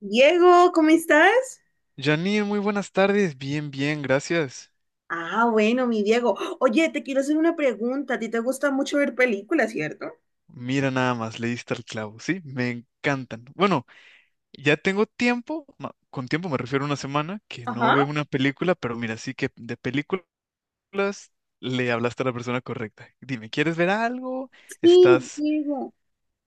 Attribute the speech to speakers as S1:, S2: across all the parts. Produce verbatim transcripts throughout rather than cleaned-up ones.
S1: Diego, ¿cómo estás?
S2: Janine, muy buenas tardes. Bien, bien, gracias.
S1: Ah, bueno, mi Diego. Oye, te quiero hacer una pregunta. ¿A ti te gusta mucho ver películas, cierto?
S2: Mira nada más, le diste al clavo, ¿sí? Me encantan. Bueno, ya tengo tiempo, ma- con tiempo me refiero a una semana, que no veo
S1: Ajá.
S2: una película, pero mira, sí que de películas le hablaste a la persona correcta. Dime, ¿quieres ver algo?
S1: Sí,
S2: ¿Estás...
S1: Diego.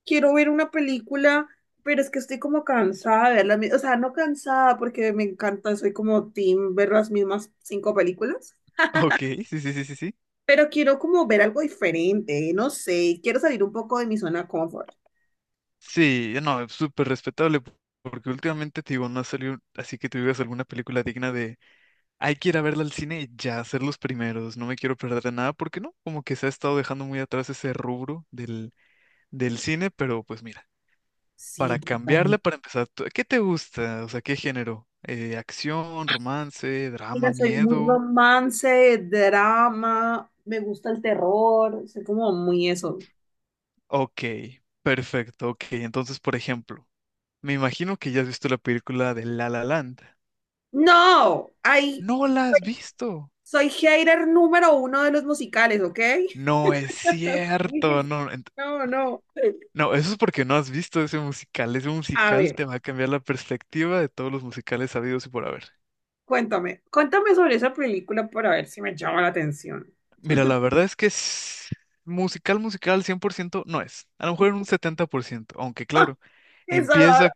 S1: Quiero ver una película, pero es que estoy como cansada de verla. O sea, no cansada porque me encanta, soy como team ver las mismas cinco películas.
S2: Ok, sí, sí, sí, sí, sí.
S1: Pero quiero como ver algo diferente, no sé, quiero salir un poco de mi zona de confort.
S2: Sí, no, es súper respetable, porque últimamente te digo, no ha salido, así que tú digas alguna película digna. Hay que ir a verla al cine y ya ser los primeros. No me quiero perder de nada porque no, como que se ha estado dejando muy atrás ese rubro del, del cine, pero pues mira,
S1: Sí,
S2: para
S1: total.
S2: cambiarle, para empezar, ¿tú- ¿qué te gusta? O sea, ¿qué género? Eh, acción, romance, drama,
S1: Mira, soy muy
S2: miedo.
S1: romance, drama, me gusta el terror, soy como muy eso.
S2: Ok, perfecto, ok. Entonces, por ejemplo, me imagino que ya has visto la película de La La Land.
S1: No, ay,
S2: No la has visto.
S1: soy hater número uno de los musicales, ¿ok?
S2: No es cierto, no.
S1: No, no.
S2: No, eso es porque no has visto ese musical. Ese
S1: A
S2: musical
S1: ver.
S2: te va a cambiar la perspectiva de todos los musicales sabidos y por haber.
S1: Cuéntame, cuéntame sobre esa película para ver si me llama la atención.
S2: Mira, la verdad es que s- musical, musical cien por ciento no es. A lo mejor en un setenta por ciento, aunque claro,
S1: Esa
S2: empieza,
S1: dar-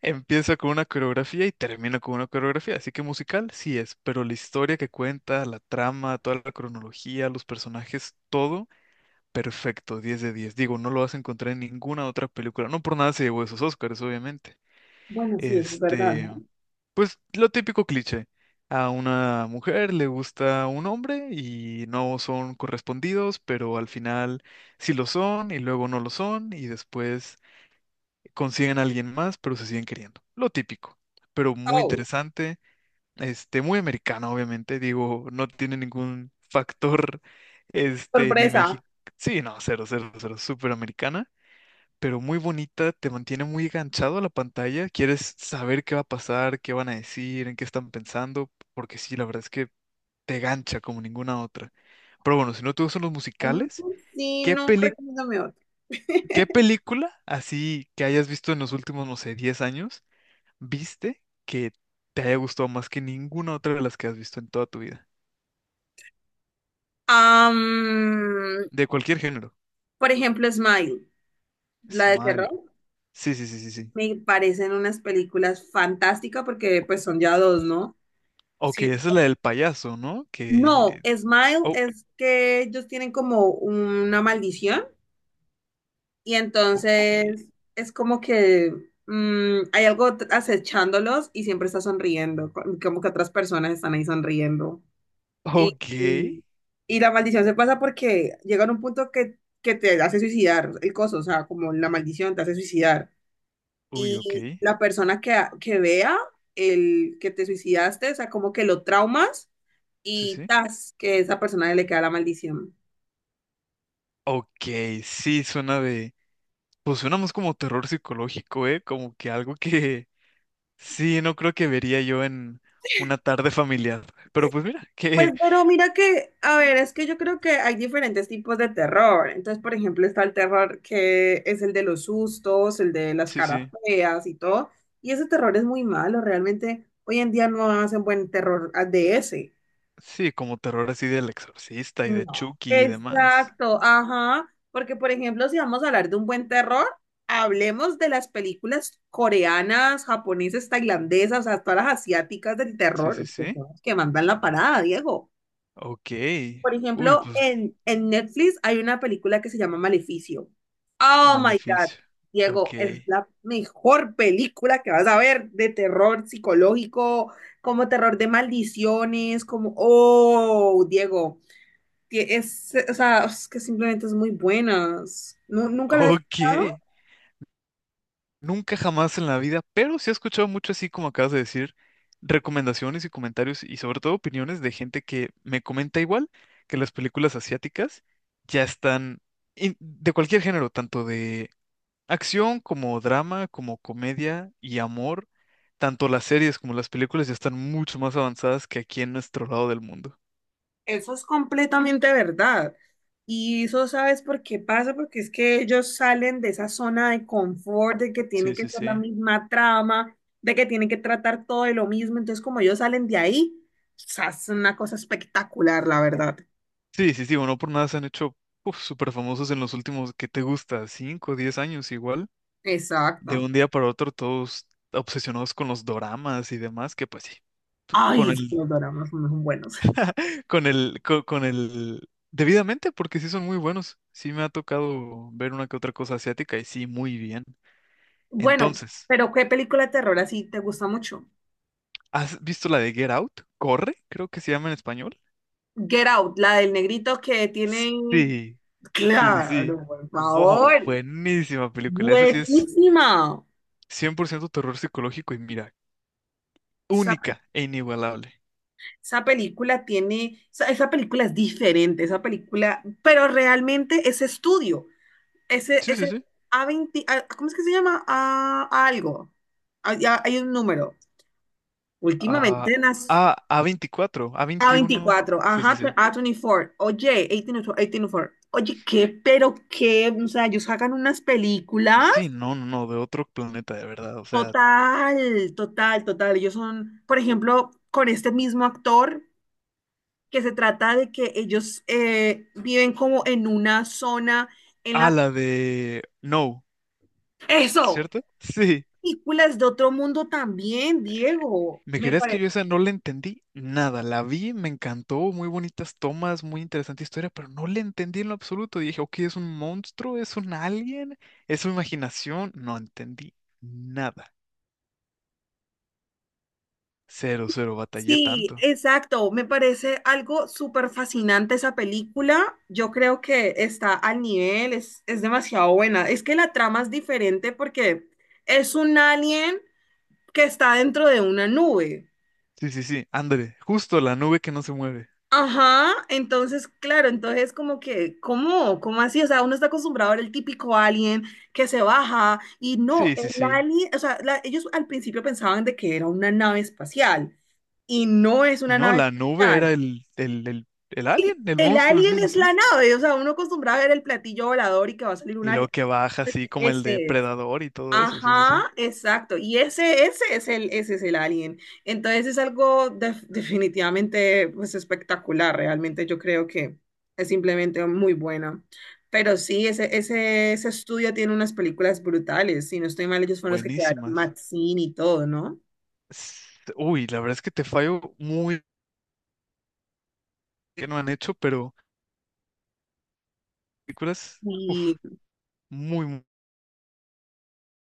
S2: empieza con una coreografía y termina con una coreografía. Así que musical sí es, pero la historia que cuenta, la trama, toda la cronología, los personajes, todo perfecto, diez de diez. Digo, no lo vas a encontrar en ninguna otra película. No por nada se llevó esos Oscars, obviamente.
S1: Bueno, sí, eso es verdad,
S2: Este.
S1: ¿no?
S2: Pues lo típico cliché. A una mujer le gusta un hombre y no son correspondidos, pero al final sí lo son y luego no lo son y después consiguen a alguien más, pero se siguen queriendo. Lo típico, pero muy
S1: Oh,
S2: interesante, este, muy americano, obviamente. Digo, no tiene ningún factor, este, ni
S1: sorpresa.
S2: México. Sí, no, cero, cero, cero, súper americana pero muy bonita, te mantiene muy enganchado a la pantalla, quieres saber qué va a pasar, qué van a decir, en qué están pensando, porque sí, la verdad es que te gancha como ninguna otra. Pero bueno, si no te gustan los
S1: Mm,
S2: musicales,
S1: sí,
S2: ¿qué
S1: no,
S2: peli-
S1: recomiéndame otra.
S2: ¿qué película así que hayas visto en los últimos, no sé, diez años, viste que te haya gustado más que ninguna otra de las que has visto en toda tu vida?
S1: Am,
S2: De cualquier género.
S1: por ejemplo, Smile, la de
S2: Smile.
S1: terror,
S2: Sí, sí, sí, sí, sí.
S1: me parecen unas películas fantásticas porque pues son ya dos, ¿no?
S2: Ok,
S1: Sí.
S2: esa es la del payaso, ¿no?
S1: No,
S2: Que...
S1: Smile
S2: Oh,
S1: es que ellos tienen como una maldición. Y
S2: ok.
S1: entonces es como que mm, hay algo t- acechándolos y siempre está sonriendo, co- como que otras personas están ahí sonriendo. Y,
S2: Ok.
S1: y, y la maldición se pasa porque llega a un punto que, que te hace suicidar el coso, o sea, como la maldición te hace suicidar.
S2: Uy, ok.
S1: Y la persona que, que vea el que te suicidaste, o sea, como que lo traumas
S2: Sí,
S1: y
S2: sí.
S1: tas, que esa persona le queda la maldición.
S2: Ok, sí, suena de... Pues suena más como terror psicológico, ¿eh? Como que algo que sí, no creo que vería yo en una tarde familiar. Pero pues mira,
S1: Pues,
S2: que...
S1: pero mira que, a ver, es que yo creo que hay diferentes tipos de terror. Entonces, por ejemplo, está el terror que es el de los sustos, el de las
S2: Sí,
S1: caras
S2: sí.
S1: feas y todo. Y ese terror es muy malo, realmente hoy en día no hacen buen terror ah, de ese.
S2: Sí, como terror así del exorcista y de
S1: No.
S2: Chucky y demás.
S1: Exacto, ajá. Porque, por ejemplo, si vamos a hablar de un buen terror, hablemos de las películas coreanas, japonesas, tailandesas, o sea, todas las asiáticas del
S2: Sí,
S1: terror,
S2: sí,
S1: que
S2: sí.
S1: son las que mandan la parada, Diego.
S2: Ok.
S1: Por
S2: Uy,
S1: ejemplo,
S2: pues
S1: en, en Netflix hay una película que se llama Maleficio. Oh my God,
S2: maleficio. Ok.
S1: Diego, es la mejor película que vas a ver de terror psicológico, como terror de maldiciones, como, oh, Diego, que es, o sea, es que simplemente es muy buena. ¿Nu- ¿Nunca la has
S2: Ok.
S1: escuchado?
S2: Nunca jamás en la vida, pero sí he escuchado mucho así como acabas de decir, recomendaciones y comentarios y sobre todo opiniones de gente que me comenta igual que las películas asiáticas ya están in- de cualquier género, tanto de acción como drama, como comedia y amor, tanto las series como las películas ya están mucho más avanzadas que aquí en nuestro lado del mundo.
S1: Eso es completamente verdad. Y eso sabes por qué pasa, porque es que ellos salen de esa zona de confort, de que tiene
S2: Sí,
S1: que
S2: sí,
S1: ser la
S2: sí.
S1: misma trama, de que tienen que tratar todo de lo mismo. Entonces, como ellos salen de ahí, o sea, es una cosa espectacular, la verdad.
S2: Sí, sí, sí, bueno, no por nada se han hecho uf, súper famosos en los últimos que te gusta, cinco diez años igual. De
S1: Exacto.
S2: un día para otro todos obsesionados con los doramas y demás, que pues sí, tú-
S1: Ay,
S2: con
S1: es que
S2: el,
S1: los dramas no son buenos.
S2: con el, co- con, el, debidamente, porque sí son muy buenos. Sí me ha tocado ver una que otra cosa asiática y sí, muy bien.
S1: Bueno,
S2: Entonces,
S1: pero ¿qué película de terror así te gusta mucho?
S2: ¿has visto la de Get Out? Corre, creo que se llama en español.
S1: Get Out, la del negrito que tiene...
S2: Sí, sí, sí, sí.
S1: Claro, por
S2: Wow,
S1: favor.
S2: buenísima película. Esa sí es
S1: Buenísima.
S2: cien por ciento terror psicológico y mira, única e inigualable.
S1: Esa película tiene, esa, esa película es diferente, esa película, pero realmente ese estudio, ese,
S2: Sí,
S1: ese
S2: sí, sí.
S1: a veinte ah, ¿cómo es que se llama? A, a algo. Hay, hay un número.
S2: Ah,
S1: Últimamente nas
S2: ah, A, A24, a
S1: a
S2: veintiuno
S1: veinticuatro
S2: Sí, sí,
S1: ajá, tu-
S2: sí.
S1: A veinticuatro, oye, dieciocho, dieciocho, oye, ¿qué? Pero qué, o sea, ellos sacan unas películas.
S2: Sí, no, no, no, de otro planeta, de verdad. O sea,
S1: Total, total, total. Ellos son, por ejemplo, con este mismo actor. Que se trata de que ellos eh, viven como en una zona en
S2: a
S1: la...
S2: la de No,
S1: Eso,
S2: ¿cierto? Sí.
S1: películas de otro mundo también, Diego,
S2: ¿Me
S1: me
S2: creías que
S1: parece.
S2: yo esa no la entendí? Nada, la vi, me encantó, muy bonitas tomas, muy interesante historia, pero no la entendí en lo absoluto. Dije, ok, ¿es un monstruo? ¿Es un alien? ¿Es su imaginación? No entendí nada. Cero, cero, batallé
S1: Sí,
S2: tanto.
S1: exacto, me parece algo súper fascinante esa película. Yo creo que está al nivel, es, es demasiado buena. Es que la trama es diferente porque es un alien que está dentro de una nube.
S2: Sí, sí, sí, André, justo la nube que no se mueve.
S1: Ajá, entonces, claro, entonces como que, ¿cómo? ¿Cómo así? O sea, uno está acostumbrado a ver el típico alien que se baja y no,
S2: Sí,
S1: el
S2: sí, sí.
S1: alien, o sea, la- ellos al principio pensaban de que era una nave espacial y no es
S2: Y
S1: una
S2: no,
S1: nave
S2: la nube era
S1: espacial.
S2: el, el, el, el alien, el
S1: El
S2: monstruo,
S1: alien
S2: sí, sí,
S1: es la
S2: sí.
S1: nave, o sea, uno acostumbrado a ver el platillo volador y que va a salir un
S2: Y luego
S1: alien.
S2: que baja así como el
S1: Ese es.
S2: depredador y todo eso, sí, sí, sí.
S1: Ajá, exacto. Y ese, ese es el, ese es el alien. Entonces es algo def- definitivamente pues, espectacular. Realmente yo creo que es simplemente muy bueno. Pero sí, ese, ese, ese estudio tiene unas películas brutales. Si no estoy mal, ellos fueron los que crearon
S2: Buenísimas.
S1: Maxine y todo, ¿no?
S2: S- Uy, la verdad es que te fallo muy que no han hecho, pero películas, uf,
S1: Y
S2: muy, muy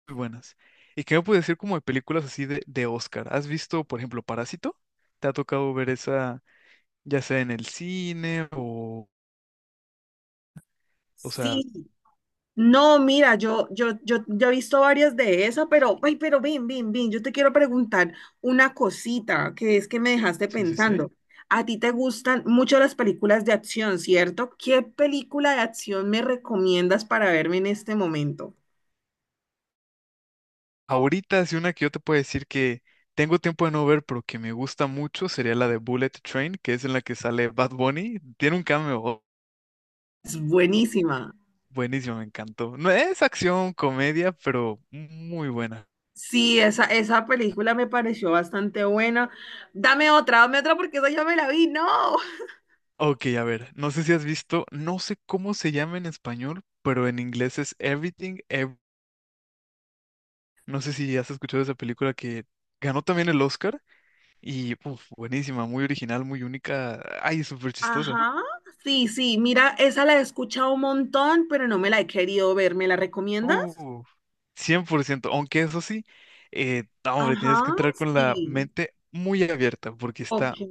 S2: buenas. ¿Y qué me puedes decir como de películas así de, de Oscar? ¿Has visto, por ejemplo, Parásito? ¿Te ha tocado ver esa, ya sea en el cine o, o sea,
S1: sí, no, mira, yo, yo, yo, yo he visto varias de esas, pero, ay, pero bien, bien, bien, yo te quiero preguntar una cosita que es que me dejaste
S2: sí, sí, sí.
S1: pensando. A ti te gustan mucho las películas de acción, ¿cierto? ¿Qué película de acción me recomiendas para verme en este momento?
S2: Ahorita es una que yo te puedo decir que tengo tiempo de no ver, pero que me gusta mucho, sería la de Bullet Train, que es en la que sale Bad Bunny. Tiene un cameo
S1: Es buenísima.
S2: buenísimo, me encantó. No es acción, comedia, pero muy buena.
S1: Sí, esa, esa película me pareció bastante buena. Dame otra, dame otra porque esa ya me la vi, no.
S2: Ok, a ver, no sé si has visto, no sé cómo se llama en español, pero en inglés es Everything, Ev- no sé si has escuchado esa película que ganó también el Oscar y uf, buenísima, muy original, muy única, ay, súper chistosa.
S1: Ajá, sí, sí, mira, esa la he escuchado un montón, pero no me la he querido ver. ¿Me la recomiendas?
S2: Uh, cien por ciento aunque eso sí, eh, no, hombre, tienes que
S1: Ajá,
S2: entrar con la
S1: sí.
S2: mente muy abierta porque
S1: Ok,
S2: está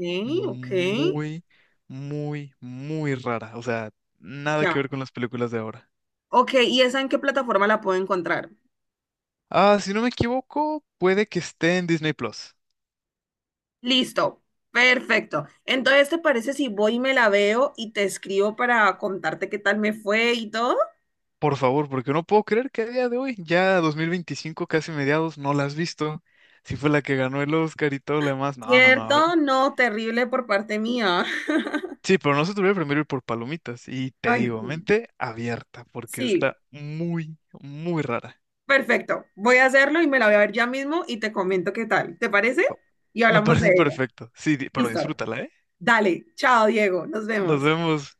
S1: ok,
S2: muy, muy, muy rara. O sea, nada
S1: ya.
S2: que ver con las películas de ahora.
S1: Ok, ¿y esa en qué plataforma la puedo encontrar?
S2: Ah, si no me equivoco, puede que esté en Disney Plus.
S1: Listo, perfecto. Entonces, ¿te parece si voy y me la veo y te escribo para contarte qué tal me fue y todo?
S2: Por favor, porque no puedo creer que a día de hoy, ya dos mil veinticinco casi mediados, no la has visto. Si fue la que ganó el Oscar y todo lo demás. No, no, no.
S1: ¿Cierto? No, terrible por parte mía.
S2: Sí, pero no se te voy a primero ir por palomitas. Y te
S1: Ay,
S2: digo,
S1: sí.
S2: mente abierta, porque
S1: Sí,
S2: está muy, muy rara.
S1: perfecto. Voy a hacerlo y me la voy a ver ya mismo y te comento qué tal. ¿Te parece? Y
S2: Me
S1: hablamos de
S2: parece
S1: ella.
S2: perfecto. Sí, di- pero
S1: Listo.
S2: disfrútala, ¿eh?
S1: Dale, chao, Diego. Nos
S2: Nos
S1: vemos.
S2: vemos.